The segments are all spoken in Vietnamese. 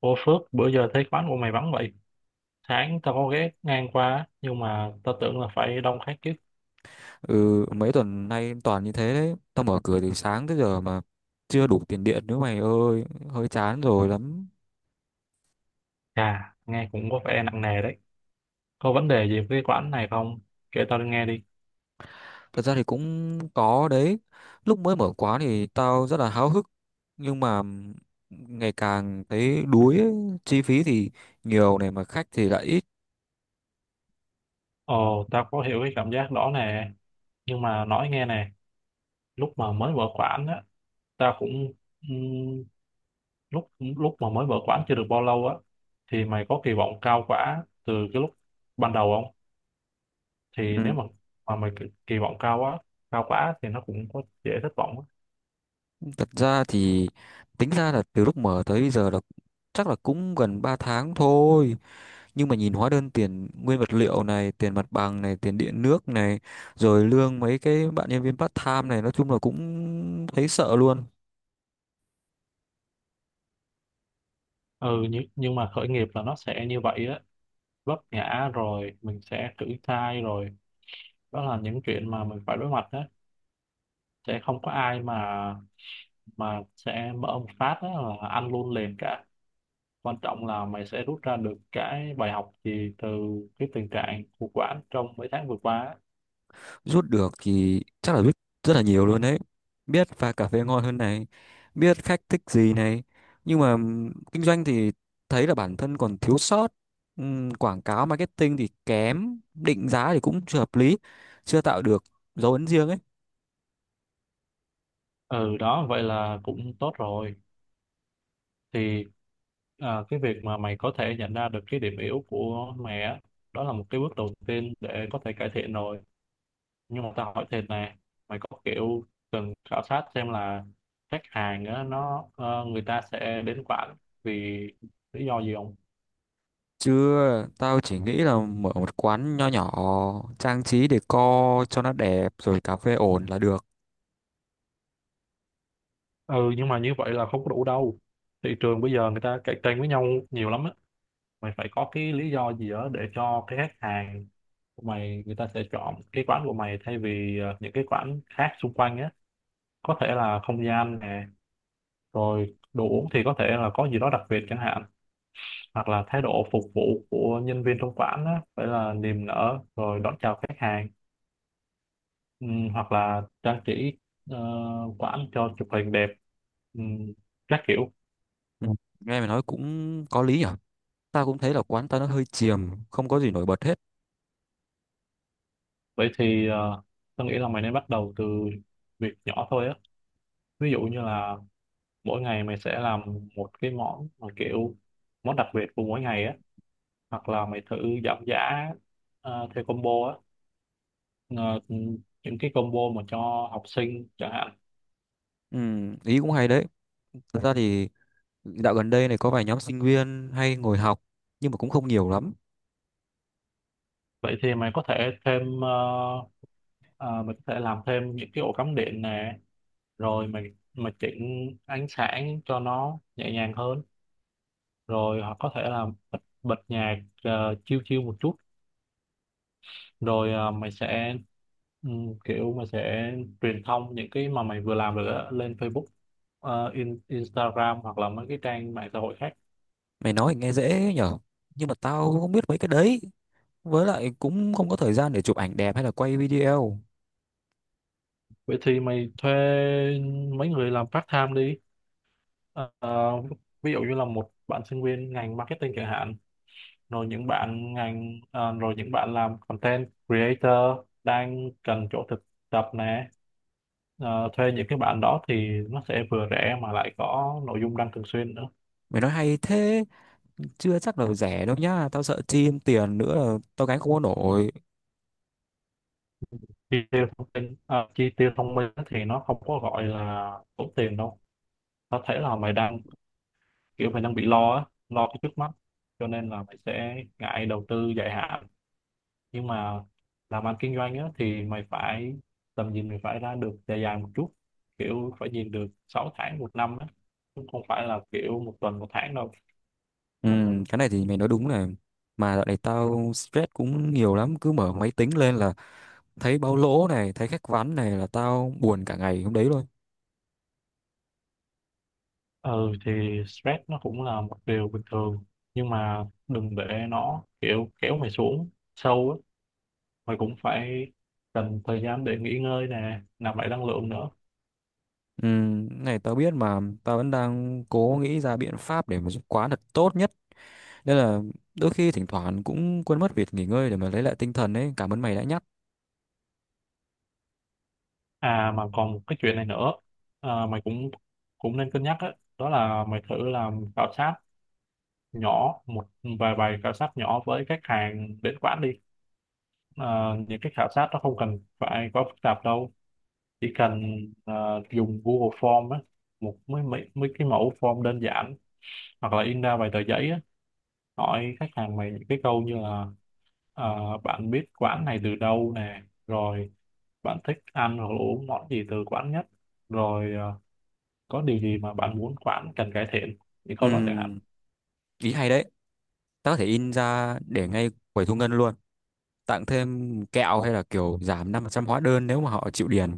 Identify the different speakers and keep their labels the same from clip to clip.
Speaker 1: Ô Phước, bữa giờ thấy quán của mày vắng vậy. Sáng tao có ghé ngang qua, á, nhưng mà tao tưởng là phải đông khách chứ.
Speaker 2: Ừ, mấy tuần nay toàn như thế đấy. Tao mở cửa từ sáng tới giờ mà chưa đủ tiền điện nữa mày ơi, hơi chán rồi lắm.
Speaker 1: Chà, nghe cũng có vẻ nặng nề đấy. Có vấn đề gì với cái quán này không? Kể tao nghe đi.
Speaker 2: Thật ra thì cũng có đấy. Lúc mới mở quán thì tao rất là háo hức, nhưng mà ngày càng thấy đuối ấy. Chi phí thì nhiều này mà khách thì lại ít.
Speaker 1: Ồ, tao có hiểu cái cảm giác đó nè. Nhưng mà nói nghe nè, lúc mà mới mở quán á, tao cũng... ừm, lúc lúc mà mới mở quán chưa được bao lâu á, thì mày có kỳ vọng cao quá từ cái lúc ban đầu không? Thì nếu
Speaker 2: Ừ.
Speaker 1: mà mày kỳ kỳ vọng cao quá, thì nó cũng có dễ thất vọng á.
Speaker 2: Thật ra thì tính ra là từ lúc mở tới bây giờ là chắc là cũng gần 3 tháng thôi. Nhưng mà nhìn hóa đơn tiền nguyên vật liệu này, tiền mặt bằng này, tiền điện nước này, rồi lương mấy cái bạn nhân viên part time này, nói chung là cũng thấy sợ luôn.
Speaker 1: Ừ nhưng mà khởi nghiệp là nó sẽ như vậy á, vấp ngã rồi mình sẽ thử thai rồi, đó là những chuyện mà mình phải đối mặt á, sẽ không có ai mà sẽ mở một phát á là ăn luôn liền cả. Quan trọng là mày sẽ rút ra được cái bài học gì từ cái tình trạng khủng hoảng trong mấy tháng vừa qua á.
Speaker 2: Rút được thì chắc là rút rất là nhiều luôn đấy. Biết pha cà phê ngon hơn này, biết khách thích gì này, nhưng mà kinh doanh thì thấy là bản thân còn thiếu sót. Quảng cáo marketing thì kém, định giá thì cũng chưa hợp lý, chưa tạo được dấu ấn riêng ấy.
Speaker 1: Ừ đó, vậy là cũng tốt rồi. Thì cái việc mà mày có thể nhận ra được cái điểm yếu của mày á, đó là một cái bước đầu tiên để có thể cải thiện rồi. Nhưng mà tao hỏi thêm nè, mày có kiểu cần khảo sát xem là khách hàng á, nó người ta sẽ đến quán vì lý do gì không?
Speaker 2: Chưa, tao chỉ nghĩ là mở một quán nho nhỏ, trang trí decor cho nó đẹp rồi cà phê ổn là được.
Speaker 1: Ừ, nhưng mà như vậy là không có đủ đâu. Thị trường bây giờ người ta cạnh tranh với nhau nhiều lắm á, mày phải có cái lý do gì đó để cho cái khách hàng của mày người ta sẽ chọn cái quán của mày thay vì những cái quán khác xung quanh á. Có thể là không gian nè, rồi đồ uống thì có thể là có gì đó đặc biệt chẳng hạn, hoặc là thái độ phục vụ của nhân viên trong quán á, phải là niềm nở rồi đón chào khách hàng. Hoặc là trang trí ờ, quán cho chụp hình đẹp. Ừm, các kiểu.
Speaker 2: Ừ. Nghe mày nói cũng có lý nhở. Tao cũng thấy là quán tao nó hơi chìm, không có gì nổi bật hết.
Speaker 1: Vậy thì tôi nghĩ là mày nên bắt đầu từ việc nhỏ thôi á, ví dụ như là mỗi ngày mày sẽ làm một cái món mà kiểu món đặc biệt của mỗi ngày á, hoặc là mày thử giảm giá theo combo á. Ờ, những cái combo mà cho học sinh chẳng hạn.
Speaker 2: Ừ, ý cũng hay đấy. Thật ra thì dạo gần đây này có vài nhóm sinh viên hay ngồi học, nhưng mà cũng không nhiều lắm.
Speaker 1: Vậy thì mày có thể thêm mình có thể làm thêm những cái ổ cắm điện nè, rồi mình chỉnh ánh sáng cho nó nhẹ nhàng hơn, rồi hoặc có thể là bật nhạc chill chill một chút, rồi mày sẽ kiểu mày sẽ truyền thông những cái mà mày vừa làm được á lên Facebook, Instagram hoặc là mấy cái trang mạng xã hội khác.
Speaker 2: Mày nói thì nghe dễ nhở. Nhưng mà tao cũng không biết mấy cái đấy. Với lại cũng không có thời gian để chụp ảnh đẹp hay là quay video.
Speaker 1: Vậy thì mày thuê mấy người làm part time đi. Ờ, ví dụ như là một bạn sinh viên ngành marketing chẳng hạn, rồi những bạn làm content creator đang cần chỗ thực tập nè. Ờ, thuê những cái bạn đó thì nó sẽ vừa rẻ mà lại có nội dung đăng thường xuyên nữa.
Speaker 2: Mày nói hay thế. Chưa chắc là rẻ đâu nhá, tao sợ chim tiền nữa là tao gánh không có nổi.
Speaker 1: Chi tiêu thông minh thì nó không có gọi là tốn tiền đâu. Có thể là mày đang kiểu mày đang bị lo á, lo cái trước mắt, cho nên là mày sẽ ngại đầu tư dài hạn. Nhưng mà làm ăn kinh doanh á, thì mày phải, tầm nhìn mày phải ra được dài dài một chút, kiểu phải nhìn được 6 tháng một năm á, chứ không phải là kiểu một tuần một tháng đâu.
Speaker 2: Ừ, cái này thì mày nói đúng này. Mà dạo này tao stress cũng nhiều lắm, cứ mở máy tính lên là thấy báo lỗ này, thấy khách ván này là tao buồn cả ngày hôm đấy luôn.
Speaker 1: Ừ thì stress nó cũng là một điều bình thường, nhưng mà đừng để nó kiểu kéo mày xuống sâu á. Mày cũng phải cần thời gian để nghỉ ngơi nè, nạp lại năng lượng nữa.
Speaker 2: Ừ, cái này tao biết mà tao vẫn đang cố nghĩ ra biện pháp để mà giúp quán thật tốt nhất, nên là đôi khi thỉnh thoảng cũng quên mất việc nghỉ ngơi để mà lấy lại tinh thần ấy. Cảm ơn mày đã nhắc.
Speaker 1: À mà còn một cái chuyện này nữa, mày cũng cũng nên cân nhắc á, đó là mày thử làm khảo sát nhỏ một vài bài khảo sát nhỏ với khách hàng đến quán đi. Ờ, những cái khảo sát nó không cần phải quá phức tạp đâu, chỉ cần dùng Google Form á, một mấy, mấy mấy cái mẫu form đơn giản, hoặc là in ra vài tờ giấy á, hỏi khách hàng mày những cái câu như là bạn biết quán này từ đâu nè, rồi bạn thích ăn hoặc là uống món gì từ quán nhất, rồi có điều gì mà bạn muốn quán cần cải thiện, những
Speaker 2: Ừ,
Speaker 1: câu đó chẳng hạn.
Speaker 2: ý hay đấy. Tao có thể in ra để ngay quầy thu ngân luôn, tặng thêm kẹo hay là kiểu giảm 5% hóa đơn nếu mà họ chịu điền.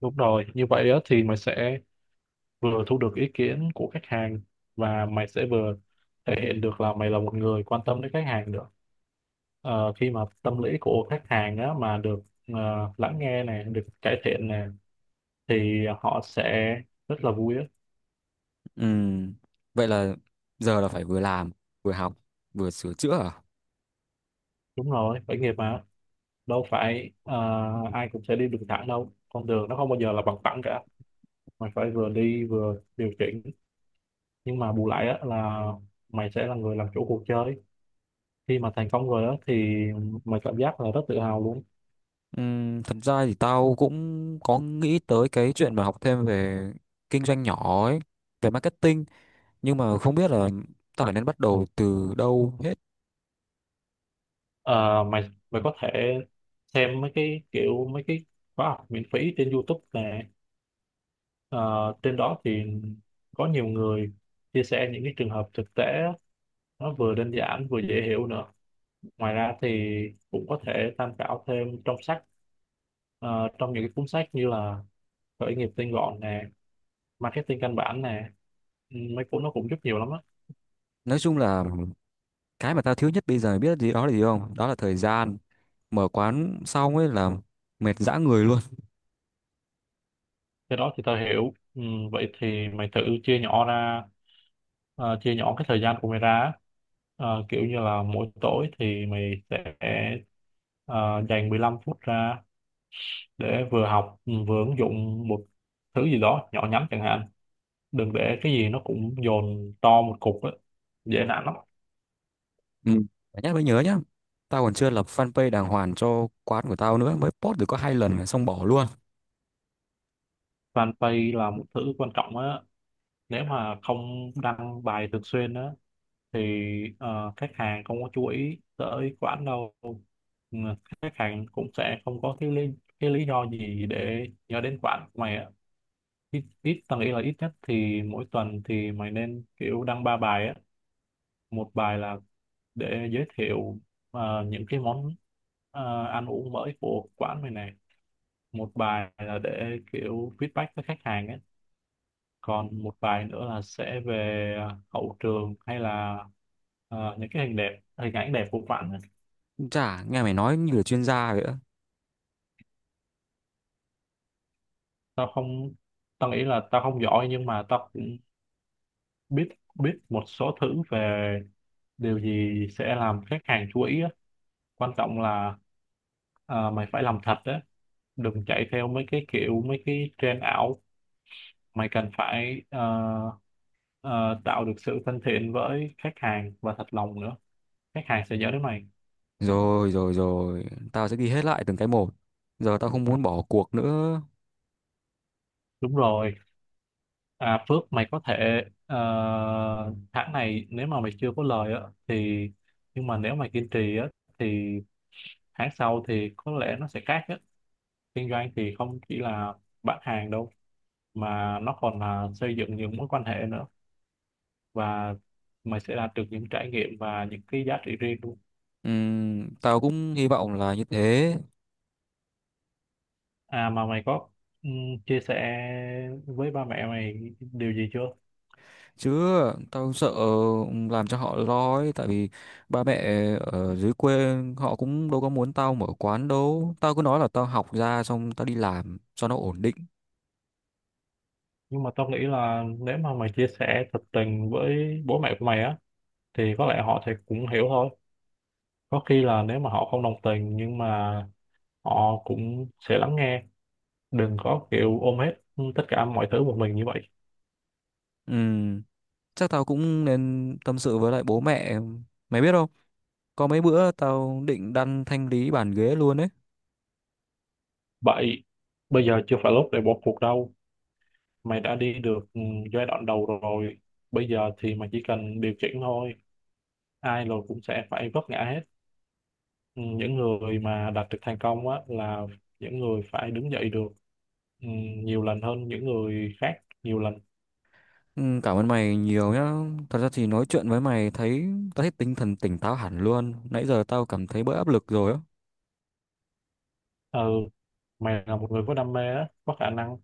Speaker 1: Đúng rồi, như vậy á thì mày sẽ vừa thu được ý kiến của khách hàng, và mày sẽ vừa thể hiện được là mày là một người quan tâm đến khách hàng nữa. Khi mà tâm lý của khách hàng á, mà được lắng nghe này, được cải thiện này, thì họ sẽ rất là vui á.
Speaker 2: Ừm, Vậy là giờ là phải vừa làm, vừa học, vừa sửa chữa à?
Speaker 1: Đúng rồi, khởi nghiệp mà đâu phải ai cũng sẽ đi đường thẳng đâu, con đường nó không bao giờ là bằng phẳng cả, mày phải vừa đi vừa điều chỉnh. Nhưng mà bù lại á, là mày sẽ là người làm chủ cuộc chơi, khi mà thành công rồi á thì mày cảm giác là rất tự hào luôn.
Speaker 2: Thật ra thì tao cũng có nghĩ tới cái chuyện mà học thêm về kinh doanh nhỏ ấy, về marketing, nhưng mà không biết là tao phải nên bắt đầu từ đâu hết.
Speaker 1: Ờ, mày mày có thể xem mấy cái khóa học miễn phí trên YouTube nè. Ờ, Trên đó thì có nhiều người chia sẻ những cái trường hợp thực tế, nó vừa đơn giản vừa dễ hiểu nữa. Ngoài ra thì cũng có thể tham khảo thêm trong sách, trong những cái cuốn sách như là khởi nghiệp tinh gọn nè, marketing căn bản nè. Ừ, mấy cuốn nó cũng giúp nhiều lắm á.
Speaker 2: Nói chung là cái mà tao thiếu nhất bây giờ biết gì đó là gì không? Đó là thời gian. Mở quán xong ấy là mệt dã người luôn.
Speaker 1: Cái đó thì tao hiểu. Ừ, vậy thì mày thử chia nhỏ ra, chia nhỏ cái thời gian của mày ra á. Ờ, kiểu như là mỗi tối thì mày sẽ ờ, dành 15 phút ra để vừa học, vừa ứng dụng một thứ gì đó nhỏ nhắn chẳng hạn. Đừng để cái gì nó cũng dồn to một cục á, dễ nản lắm.
Speaker 2: Ừ. Phải nhắc mới nhớ nhá. Tao còn chưa lập fanpage đàng hoàng cho quán của tao nữa. Mới post được có 2 lần mà xong bỏ luôn.
Speaker 1: Fanpage là một thứ quan trọng á, nếu mà không đăng bài thường xuyên á thì khách hàng không có chú ý tới quán đâu. Ừ, khách hàng cũng sẽ không có cái lý do gì để nhớ đến quán của mày ạ. Ít ít tầng Ý là ít nhất thì mỗi tuần thì mày nên kiểu đăng ba bài á. Một bài là để giới thiệu những cái món ăn uống mới của quán mày này, một bài là để kiểu feedback với khách hàng á, còn một bài nữa là sẽ về hậu trường hay là những cái hình ảnh đẹp của bạn ấy.
Speaker 2: Chả, nghe mày nói như là chuyên gia vậy á.
Speaker 1: Tao không, tao nghĩ là tao không giỏi, nhưng mà tao cũng biết biết một số thứ về điều gì sẽ làm khách hàng chú ý á. Quan trọng là mày phải làm thật á, đừng chạy theo mấy cái trend ảo. Mày cần phải ờ, tạo được sự thân thiện với khách hàng và thật lòng nữa, khách hàng sẽ nhớ đến mày.
Speaker 2: Rồi rồi rồi. Tao sẽ ghi hết lại từng cái một. Giờ tao không muốn bỏ cuộc nữa.
Speaker 1: Đúng rồi. À, Phước, mày có thể tháng này nếu mà mày chưa có lời á thì, nhưng mà nếu mày kiên trì á thì tháng sau thì có lẽ nó sẽ khác á. Kinh doanh thì không chỉ là bán hàng đâu, mà nó còn là xây dựng những mối quan hệ nữa, và mày sẽ đạt được những trải nghiệm và những cái giá trị riêng luôn.
Speaker 2: Tao cũng hy vọng là như thế.
Speaker 1: À mà mày có chia sẻ với ba mẹ mày điều gì chưa?
Speaker 2: Chứ tao sợ làm cho họ lo ấy. Tại vì ba mẹ ở dưới quê họ cũng đâu có muốn tao mở quán đâu. Tao cứ nói là tao học ra xong tao đi làm cho nó ổn định.
Speaker 1: Nhưng mà tao nghĩ là nếu mà mày chia sẻ thật tình với bố mẹ của mày á thì có lẽ họ sẽ cũng hiểu thôi, có khi là nếu mà họ không đồng tình nhưng mà họ cũng sẽ lắng nghe, đừng có kiểu ôm hết tất cả mọi thứ một mình như vậy.
Speaker 2: Ừ. Chắc tao cũng nên tâm sự với lại bố mẹ. Mày biết không? Có mấy bữa tao định đăn thanh lý bàn ghế luôn ấy.
Speaker 1: Vậy bây giờ chưa phải lúc để bỏ cuộc đâu, mày đã đi được giai đoạn đầu rồi, bây giờ thì mày chỉ cần điều chỉnh thôi, ai rồi cũng sẽ phải vấp ngã hết. Ừ, những người mà đạt được thành công á là những người phải đứng dậy được, ừ, nhiều lần hơn những người khác, nhiều lần.
Speaker 2: Ừ, cảm ơn mày nhiều nhá. Thật ra thì nói chuyện với mày thấy tao thấy tinh thần tỉnh táo hẳn luôn. Nãy giờ tao cảm thấy bớt áp lực rồi á.
Speaker 1: Ừ, mày là một người có đam mê á, có khả năng,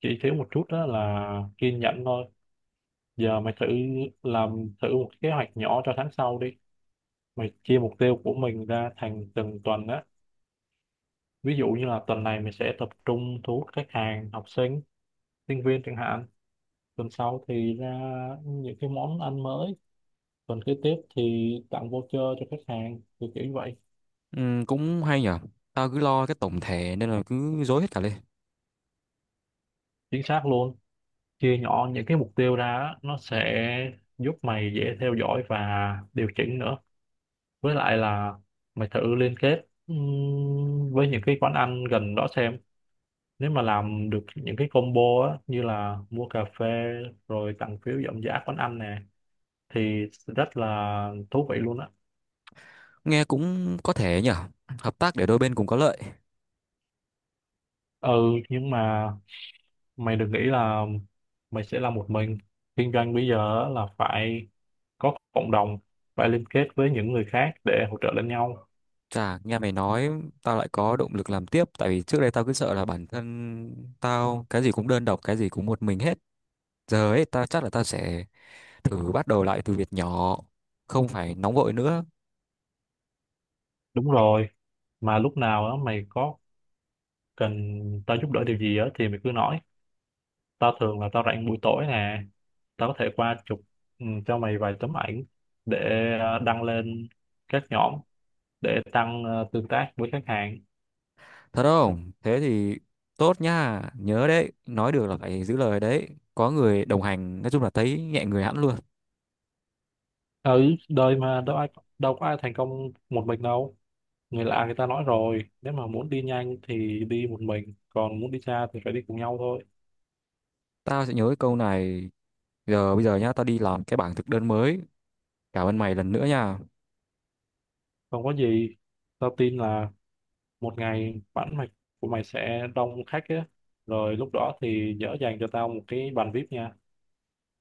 Speaker 1: chỉ thiếu một chút đó là kiên nhẫn thôi. Giờ mày thử làm thử một kế hoạch nhỏ cho tháng sau đi, mày chia mục tiêu của mình ra thành từng tuần á, ví dụ như là tuần này mày sẽ tập trung thu hút khách hàng học sinh sinh viên chẳng hạn, tuần sau thì ra những cái món ăn mới, tuần kế tiếp thì tặng voucher cho khách hàng kiểu kiểu như vậy.
Speaker 2: Ừ, cũng hay nhở. Tao cứ lo cái tổng thể nên là cứ rối hết cả lên.
Speaker 1: Chính xác luôn, chia nhỏ những cái mục tiêu ra á, nó sẽ giúp mày dễ theo dõi và điều chỉnh nữa. Với lại là mày thử liên kết với những cái quán ăn gần đó xem, nếu mà làm được những cái combo á như là mua cà phê rồi tặng phiếu giảm giá quán ăn nè thì rất là thú vị luôn á.
Speaker 2: Nghe cũng có thể nhở. Hợp tác để đôi bên cùng có lợi.
Speaker 1: Ừ, nhưng mà mày đừng nghĩ là mày sẽ làm một mình, kinh doanh bây giờ á là phải có cộng đồng, phải liên kết với những người khác để hỗ trợ lẫn nhau.
Speaker 2: Chà, nghe mày nói tao lại có động lực làm tiếp, tại vì trước đây tao cứ sợ là bản thân tao cái gì cũng đơn độc, cái gì cũng một mình hết. Giờ ấy ta chắc là ta sẽ thử bắt đầu lại từ việc nhỏ, không phải nóng vội nữa.
Speaker 1: Đúng rồi. Mà lúc nào á mày có cần tao giúp đỡ điều gì á thì mày cứ nói, tao thường là tao rảnh buổi tối nè, tao có thể qua chụp cho mày vài tấm ảnh để đăng lên các nhóm để tăng tương tác với khách hàng.
Speaker 2: Thật không? Thế thì tốt nha, nhớ đấy, nói được là phải giữ lời đấy. Có người đồng hành, nói chung là thấy nhẹ người hẳn luôn.
Speaker 1: Ở đời mà đâu có ai thành công một mình đâu, người lạ người ta nói rồi, nếu mà muốn đi nhanh thì đi một mình, còn muốn đi xa thì phải đi cùng nhau thôi.
Speaker 2: Tao sẽ nhớ cái câu này. Giờ bây giờ nhá, tao đi làm cái bảng thực đơn mới. Cảm ơn mày lần nữa nha.
Speaker 1: Không có gì. Tao tin là một ngày bản mạch của mày sẽ đông khách á, rồi lúc đó thì nhớ dành cho tao một cái bàn VIP nha.